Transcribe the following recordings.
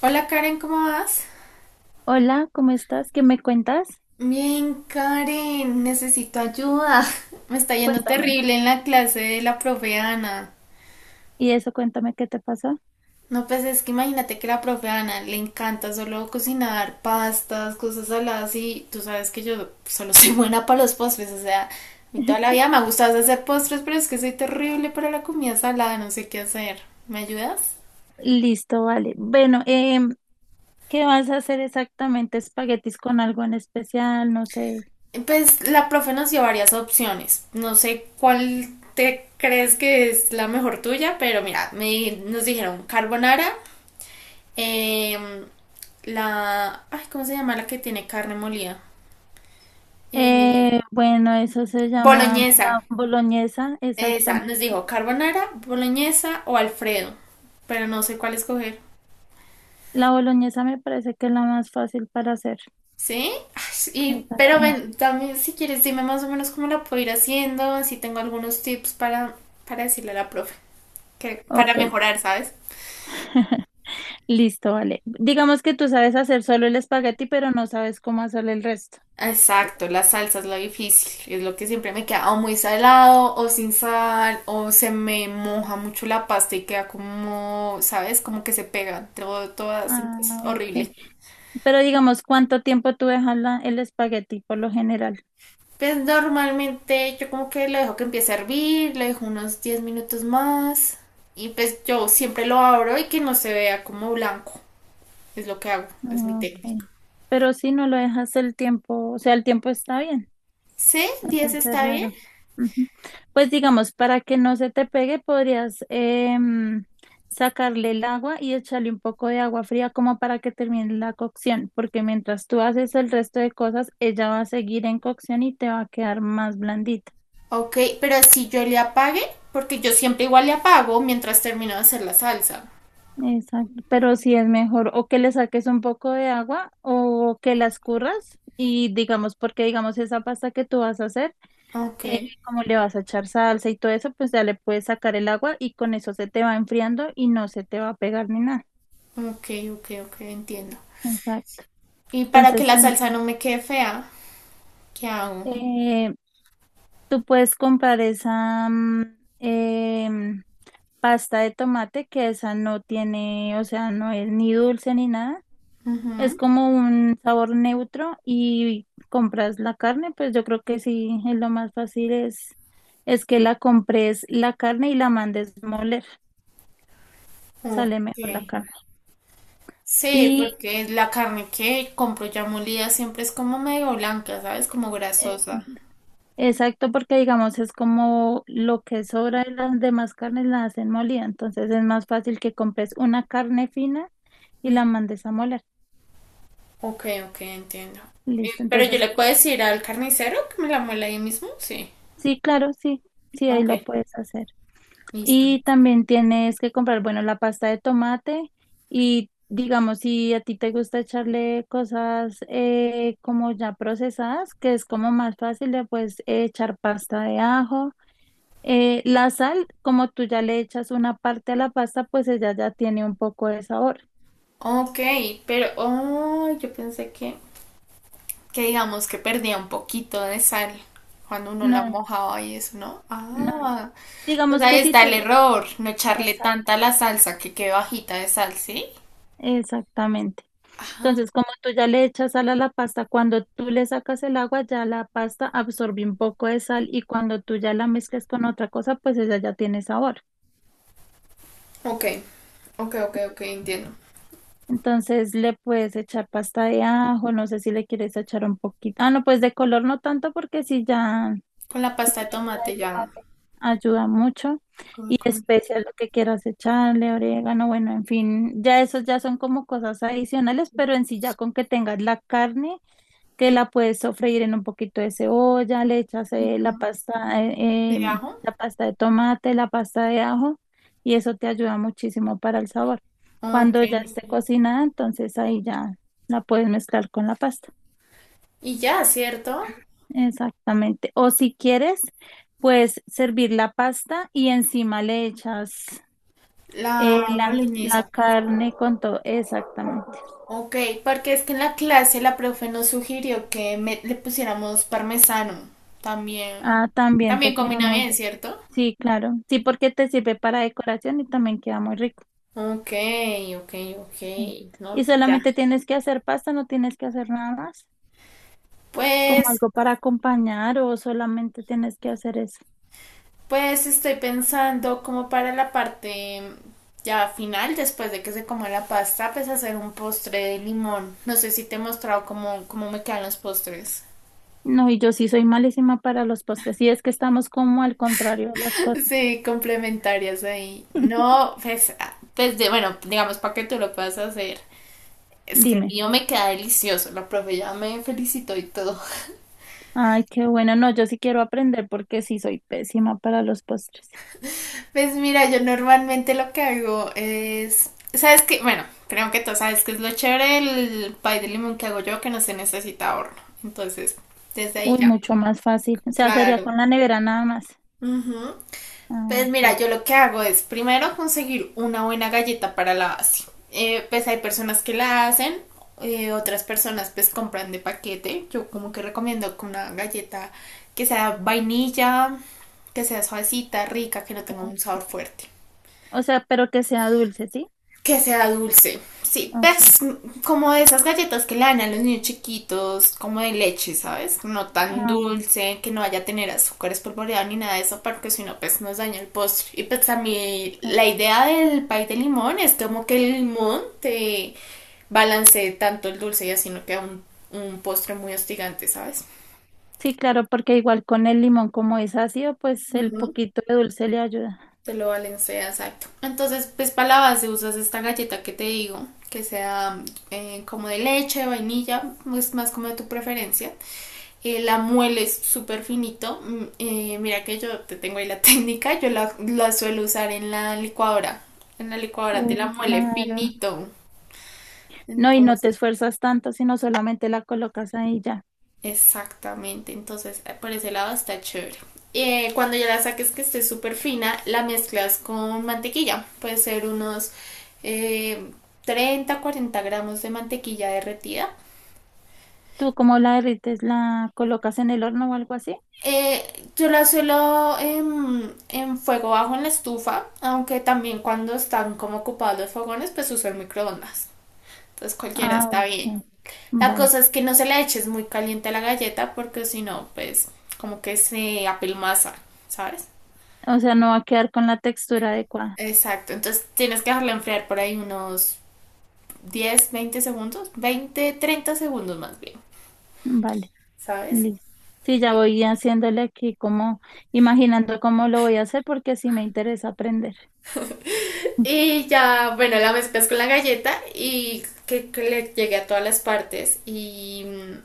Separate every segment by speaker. Speaker 1: Hola Karen, ¿cómo vas?
Speaker 2: Hola, ¿cómo estás? ¿Qué me cuentas?
Speaker 1: Bien, Karen, necesito ayuda. Me está yendo
Speaker 2: Cuéntame.
Speaker 1: terrible en la clase de la profe Ana.
Speaker 2: Y eso, cuéntame qué te pasó.
Speaker 1: No, pues es que imagínate que la profe Ana le encanta solo cocinar pastas, cosas saladas y tú sabes que yo solo soy buena para los postres, o sea, a mí toda la vida me ha gustado hacer postres, pero es que soy terrible para la comida salada, no sé qué hacer. ¿Me ayudas?
Speaker 2: Listo, vale. Bueno, ¿qué vas a hacer exactamente? ¿Espaguetis con algo en especial? No sé.
Speaker 1: Pues la profe nos dio varias opciones. No sé cuál te crees que es la mejor tuya, pero mira, nos dijeron carbonara, eh, la... Ay, ¿cómo se llama la que tiene carne molida? Eh,
Speaker 2: Bueno, eso se llama
Speaker 1: boloñesa.
Speaker 2: la boloñesa,
Speaker 1: Esa, nos
Speaker 2: exactamente.
Speaker 1: dijo carbonara, boloñesa o Alfredo, pero no sé cuál escoger.
Speaker 2: La boloñesa me parece que es la más fácil para hacer.
Speaker 1: ¿Sí? Ay, Y pero
Speaker 2: Exactamente.
Speaker 1: ven, también si quieres dime más o menos cómo la puedo ir haciendo, así tengo algunos tips para decirle a la profe, que, para
Speaker 2: Ok,
Speaker 1: mejorar, ¿sabes?
Speaker 2: listo, vale. Digamos que tú sabes hacer solo el espagueti, pero no sabes cómo hacer el resto. ¿Sí?
Speaker 1: Exacto, la salsa es lo difícil, es lo que siempre me queda o muy salado o sin sal o se me moja mucho la pasta y queda como, ¿sabes? Como que se pega todo, todas, es
Speaker 2: Ah, ok.
Speaker 1: horrible.
Speaker 2: Pero digamos, ¿cuánto tiempo tú dejas el espagueti por lo general?
Speaker 1: Pues normalmente yo como que lo dejo que empiece a hervir, lo dejo unos 10 minutos más y pues yo siempre lo abro y que no se vea como blanco, es lo que hago, es mi
Speaker 2: Ah,
Speaker 1: técnica.
Speaker 2: ok. Pero si no lo dejas el tiempo, o sea, el tiempo está bien.
Speaker 1: ¿Sí? ¿10
Speaker 2: Entonces es
Speaker 1: está bien?
Speaker 2: raro. Ujú. Pues digamos, para que no se te pegue, podrías sacarle el agua y echarle un poco de agua fría como para que termine la cocción, porque mientras tú haces el resto de cosas, ella va a seguir en cocción y te va a quedar más blandita.
Speaker 1: Ok, pero si yo le apague, porque yo siempre igual le apago mientras termino de hacer la salsa.
Speaker 2: Exacto, pero sí es mejor o que le saques un poco de agua o que la escurras y digamos, porque digamos esa pasta que tú vas a hacer,
Speaker 1: Ok,
Speaker 2: como le vas a echar salsa y todo eso, pues ya le puedes sacar el agua y con eso se te va enfriando y no se te va a pegar ni nada.
Speaker 1: ok, ok, entiendo.
Speaker 2: Exacto.
Speaker 1: Y para que
Speaker 2: Entonces,
Speaker 1: la salsa no me quede fea, ¿qué hago?
Speaker 2: eh, tú puedes comprar esa em, pasta de tomate que esa no tiene, o sea, no es ni dulce ni nada. Es
Speaker 1: Ujú,
Speaker 2: como un sabor neutro y compras la carne, pues yo creo que sí, es lo más fácil es que la compres la carne y la mandes moler, sale
Speaker 1: ok.
Speaker 2: mejor la carne.
Speaker 1: Sí,
Speaker 2: Y
Speaker 1: porque la carne que compro ya molida siempre es como medio blanca, ¿sabes? Como
Speaker 2: eh,
Speaker 1: grasosa.
Speaker 2: exacto, porque digamos es como lo que sobra de las demás carnes la hacen molida, entonces es más fácil que compres una carne fina y la mandes a moler.
Speaker 1: Ok, ok, entiendo.
Speaker 2: Listo,
Speaker 1: Pero yo
Speaker 2: entonces
Speaker 1: le puedo decir al carnicero que me la muela ahí mismo, sí.
Speaker 2: sí, claro, sí, sí, ahí
Speaker 1: Ok,
Speaker 2: lo puedes hacer.
Speaker 1: listo.
Speaker 2: Y también tienes que comprar, bueno, la pasta de tomate y digamos, si a ti te gusta echarle cosas como ya procesadas, que es como más fácil de pues echar pasta de ajo. La sal, como tú ya le echas una parte a la pasta, pues ella ya tiene un poco de sabor.
Speaker 1: Ok, pero, oh, yo pensé que digamos que perdía un poquito de sal cuando uno la
Speaker 2: No,
Speaker 1: mojaba y eso, ¿no?
Speaker 2: no, no.
Speaker 1: Ah, pues
Speaker 2: Digamos
Speaker 1: ahí
Speaker 2: que si
Speaker 1: está
Speaker 2: tú...
Speaker 1: el error, no echarle
Speaker 2: Exact-
Speaker 1: tanta la salsa que quede bajita de sal, ¿sí?
Speaker 2: exactamente.
Speaker 1: Ajá.
Speaker 2: Entonces, como tú ya le echas sal a la pasta, cuando tú le sacas el agua, ya la pasta absorbe un poco de sal y cuando tú ya la mezclas con otra cosa, pues ella ya tiene sabor.
Speaker 1: Ok, ok, entiendo.
Speaker 2: Entonces le puedes echar pasta de ajo, no sé si le quieres echar un poquito. Ah, no, pues de color no tanto porque si ya...
Speaker 1: Con la pasta de
Speaker 2: Pasta de
Speaker 1: tomate ya.
Speaker 2: tomate ayuda mucho.
Speaker 1: Con,
Speaker 2: Y
Speaker 1: con-
Speaker 2: especias lo que quieras echarle, orégano, bueno, en fin, ya esos ya son como cosas adicionales, pero en sí ya con que tengas la carne, que la puedes sofreír en un poquito de cebolla, le echas
Speaker 1: ¿No? ¿De ajo?
Speaker 2: la pasta de tomate, la pasta de ajo y eso te ayuda muchísimo para el sabor.
Speaker 1: Ok.
Speaker 2: Cuando ya esté cocinada, entonces ahí ya la puedes mezclar con la pasta.
Speaker 1: Y ya, ¿cierto?
Speaker 2: Exactamente. O si quieres, puedes servir la pasta y encima le echas
Speaker 1: La
Speaker 2: la
Speaker 1: boloñesa.
Speaker 2: carne con todo. Exactamente.
Speaker 1: Ok, porque es que en la clase la profe nos sugirió que le pusiéramos parmesano. También,
Speaker 2: Ah, también
Speaker 1: también
Speaker 2: te queda
Speaker 1: combina
Speaker 2: muy
Speaker 1: bien,
Speaker 2: rico.
Speaker 1: ¿cierto?
Speaker 2: Sí, claro. Sí, porque te sirve para decoración y también queda muy rico.
Speaker 1: Ok, ok, ok,
Speaker 2: Sí. Y
Speaker 1: no, ya.
Speaker 2: solamente tienes que hacer pasta, no tienes que hacer nada más, como
Speaker 1: Pues,
Speaker 2: algo para acompañar o solamente tienes que hacer eso.
Speaker 1: pues estoy pensando como para la parte ya final, después de que se coma la pasta, pues hacer un postre de limón. No sé si te he mostrado cómo, cómo me quedan los postres.
Speaker 2: No, y yo sí soy malísima para los postres, y es que estamos como al contrario de las cosas.
Speaker 1: Sí, complementarias ahí. No, pues, ah, pues de, bueno, digamos para que tú lo puedas hacer. Es que el
Speaker 2: Dime.
Speaker 1: mío me queda delicioso. La profe ya me felicitó y todo.
Speaker 2: Ay, qué bueno, no, yo sí quiero aprender porque sí soy pésima para los postres.
Speaker 1: Pues mira, yo normalmente lo que hago es, ¿sabes qué? Bueno, creo que tú sabes que es lo chévere el pay de limón que hago yo, que no se necesita horno. Entonces, desde ahí
Speaker 2: Uy,
Speaker 1: ya.
Speaker 2: mucho más fácil. O sea, sería
Speaker 1: Claro.
Speaker 2: con la nevera nada más.
Speaker 1: Ujú.
Speaker 2: Ah,
Speaker 1: Pues
Speaker 2: ok,
Speaker 1: mira, yo lo que hago es primero conseguir una buena galleta para la base. Pues hay personas que la hacen, otras personas pues compran de paquete. Yo como que recomiendo que una galleta que sea vainilla, que sea suavecita, rica, que no tenga un
Speaker 2: ok.
Speaker 1: sabor fuerte.
Speaker 2: O sea, pero que sea dulce, ¿sí?
Speaker 1: Que sea dulce. Sí,
Speaker 2: Ok.
Speaker 1: pues como de esas galletas que le dan a los niños chiquitos, como de leche, ¿sabes? No tan
Speaker 2: Ah,
Speaker 1: dulce, que no vaya a tener azúcar espolvoreado ni nada de eso, porque si no, pues nos daña el postre. Y pues a mí
Speaker 2: ok.
Speaker 1: la idea del pay de limón es como que el limón te balancee tanto el dulce y así no queda un postre muy hostigante, ¿sabes?
Speaker 2: Sí, claro, porque igual con el limón como es ácido, pues el
Speaker 1: Ujú.
Speaker 2: poquito de dulce le ayuda.
Speaker 1: Te lo balancea, exacto. Entonces, pues para la base usas esta galleta que te digo, que sea como de leche, vainilla, pues más como de tu preferencia. La mueles súper finito. Mira que yo te tengo ahí la técnica, yo la suelo usar en la licuadora. En la licuadora te la
Speaker 2: Uy,
Speaker 1: muele
Speaker 2: claro.
Speaker 1: finito.
Speaker 2: No, y no te
Speaker 1: Entonces,
Speaker 2: esfuerzas tanto, sino solamente la colocas ahí ya.
Speaker 1: exactamente, entonces por ese lado está chévere. Cuando ya la saques que esté súper fina, la mezclas con mantequilla. Puede ser unos eh, 30, 40 gramos de mantequilla derretida.
Speaker 2: ¿Tú cómo la derrites? ¿La colocas en el horno o algo así?
Speaker 1: Eh, yo la suelo fuego bajo en la estufa, aunque también cuando están como ocupados los fogones, pues uso el microondas. Entonces cualquiera
Speaker 2: Ah,
Speaker 1: está bien.
Speaker 2: ok,
Speaker 1: La
Speaker 2: vale.
Speaker 1: cosa es que no se la eches muy caliente a la galleta porque si no, pues como que se apelmaza, ¿sabes?
Speaker 2: O sea, no va a quedar con la textura adecuada.
Speaker 1: Exacto, entonces tienes que dejarla enfriar por ahí unos 10, 20 segundos, 20, 30 segundos más bien,
Speaker 2: Vale,
Speaker 1: ¿sabes?
Speaker 2: listo. Sí, ya voy haciéndole aquí como, imaginando cómo lo voy a hacer porque sí me interesa aprender.
Speaker 1: Y ya, bueno, la mezclas con la galleta y que le llegue a todas las partes y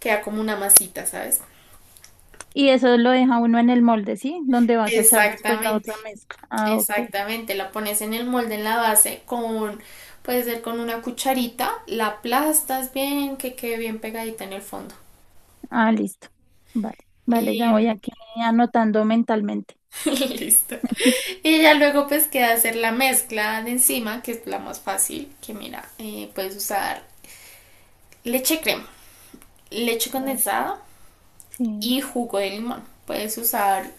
Speaker 1: queda como una masita, ¿sabes?
Speaker 2: Y eso lo deja uno en el molde, ¿sí? Donde vas a echar después la otra
Speaker 1: Exactamente,
Speaker 2: mezcla. Ah, ok.
Speaker 1: exactamente. La pones en el molde en la base con, puede ser con una cucharita, la aplastas bien, que quede bien pegadita en el fondo.
Speaker 2: Ah, listo. Vale, vale, ya voy
Speaker 1: Y
Speaker 2: aquí anotando mentalmente.
Speaker 1: listo. Y ya luego pues queda hacer la mezcla de encima, que es la más fácil, que mira, puedes usar leche crema, leche
Speaker 2: Vale.
Speaker 1: condensada
Speaker 2: Sí,
Speaker 1: y jugo de limón. Puedes usar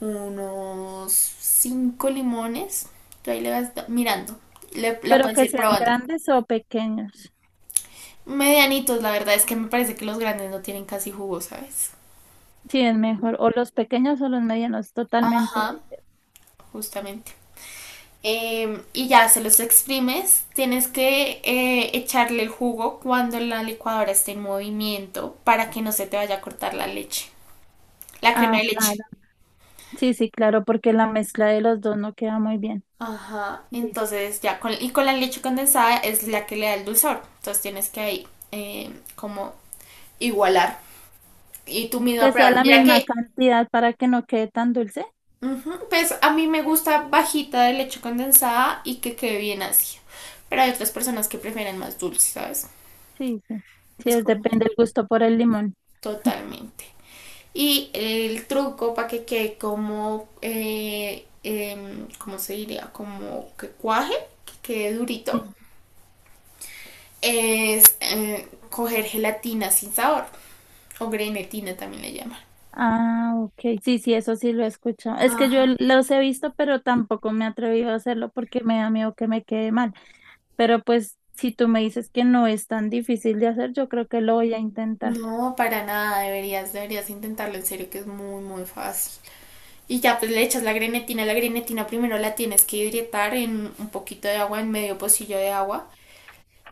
Speaker 1: unos 5 limones, tú ahí le vas mirando, la
Speaker 2: pero
Speaker 1: puedes
Speaker 2: que
Speaker 1: ir
Speaker 2: sean
Speaker 1: probando.
Speaker 2: grandes o pequeños.
Speaker 1: Medianitos, la verdad es que me parece que los grandes no tienen casi jugo, ¿sabes?
Speaker 2: Sí, es mejor. O los pequeños o los medianos,
Speaker 1: Ajá,
Speaker 2: totalmente.
Speaker 1: justamente. Y ya se los exprimes. Tienes que echarle el jugo cuando la licuadora esté en movimiento para que no se te vaya a cortar la leche, la crema
Speaker 2: Ah,
Speaker 1: de leche.
Speaker 2: claro. Sí, sí, claro, porque la mezcla de los dos no queda muy bien.
Speaker 1: Ajá,
Speaker 2: Listo.
Speaker 1: entonces ya, con, y con la leche condensada es la que le da el dulzor. Entonces tienes que ahí como igualar y tú misma
Speaker 2: Que sea
Speaker 1: probar.
Speaker 2: la
Speaker 1: Mira
Speaker 2: misma
Speaker 1: que,
Speaker 2: cantidad para que no quede tan dulce.
Speaker 1: ujú, pues a mí me gusta bajita de leche condensada y que quede bien ácida. Pero hay otras personas que prefieren más dulce, ¿sabes?
Speaker 2: Sí, sí. Sí,
Speaker 1: Es como
Speaker 2: depende el gusto por el limón.
Speaker 1: totalmente. Y el truco para que quede como, ¿cómo se diría? Como que cuaje, que quede durito,
Speaker 2: Sí.
Speaker 1: es coger gelatina sin sabor, o grenetina también le llaman.
Speaker 2: Ah, ok. Sí, sí, eso sí lo he escuchado. Es que yo
Speaker 1: Ajá.
Speaker 2: los he visto, pero tampoco me he atrevido a hacerlo porque me da miedo que me quede mal. Pero pues, si tú me dices que no es tan difícil de hacer, yo creo que lo voy a intentar.
Speaker 1: No, para nada, deberías intentarlo en serio, que es muy, muy fácil. Y ya pues le echas la grenetina primero la tienes que hidratar en un poquito de agua, en medio pocillo de agua,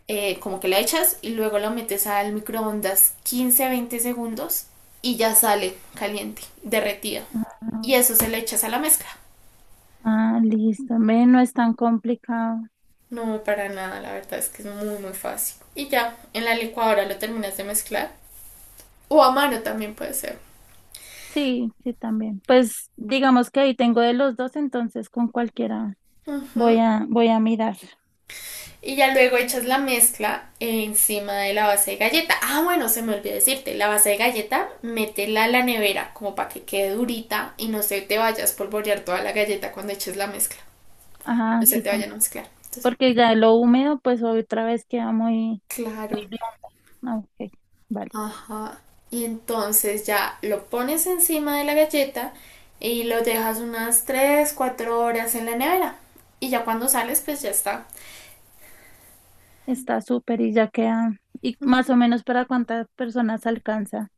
Speaker 1: como que la echas y luego lo metes al microondas 15-20 segundos y ya sale caliente, derretida. Y
Speaker 2: Ah, ok.
Speaker 1: eso se le echas a la mezcla.
Speaker 2: Ah, listo. Ve, no es tan complicado.
Speaker 1: No, para nada, la verdad es que es muy, muy fácil. Y ya, en la licuadora lo terminas de mezclar. O a mano también puede ser.
Speaker 2: Sí, sí, también. Pues digamos que ahí tengo de los dos, entonces con cualquiera
Speaker 1: Ujú.
Speaker 2: voy a mirar.
Speaker 1: Y ya luego echas la mezcla encima de la base de galleta. Ah, bueno, se me olvidó decirte, la base de galleta, métela a la nevera como para que quede durita y no se te vayas a espolvorear toda la galleta cuando eches la mezcla.
Speaker 2: Ah,
Speaker 1: Se
Speaker 2: sí,
Speaker 1: te vayan
Speaker 2: también.
Speaker 1: a mezclar. Entonces,
Speaker 2: Porque ya lo húmedo, pues otra vez queda muy
Speaker 1: claro.
Speaker 2: blanda. Ah, ok, vale.
Speaker 1: Ajá. Y entonces ya lo pones encima de la galleta y lo dejas unas 3 o 4 horas en la nevera. Y ya cuando sales, pues ya está.
Speaker 2: Está súper y ya queda. ¿Y más o menos para cuántas personas alcanza?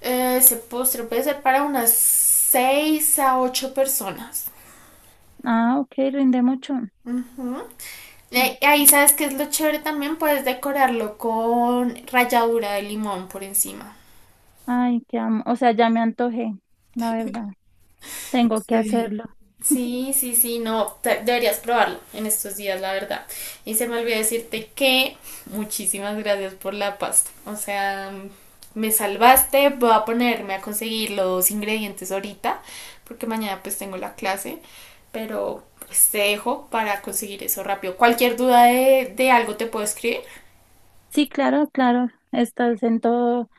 Speaker 1: Ese postre puede ser para unas 6 a 8 personas.
Speaker 2: Ah, ok, rinde mucho.
Speaker 1: Ujú. Ahí
Speaker 2: Ok.
Speaker 1: sabes que es lo chévere también, puedes decorarlo con ralladura de limón por encima.
Speaker 2: Ay, qué amo. O sea, ya me antojé, la verdad. Tengo que
Speaker 1: Sí.
Speaker 2: hacerlo.
Speaker 1: Sí, no, deberías probarlo en estos días, la verdad. Y se me olvidó decirte que muchísimas gracias por la pasta. O sea, me salvaste, voy a ponerme a conseguir los ingredientes ahorita, porque mañana pues tengo la clase, pero pues te dejo para conseguir eso rápido. Cualquier duda de algo te puedo escribir.
Speaker 2: Sí, claro, claro. Estás en todo,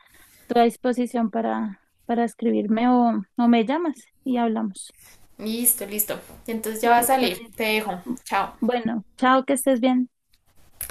Speaker 2: toda disposición para escribirme o me llamas y hablamos.
Speaker 1: Listo, listo. Entonces ya va a
Speaker 2: Listo.
Speaker 1: salir.
Speaker 2: Nina.
Speaker 1: Te dejo. Chao.
Speaker 2: Bueno, chao, que estés bien.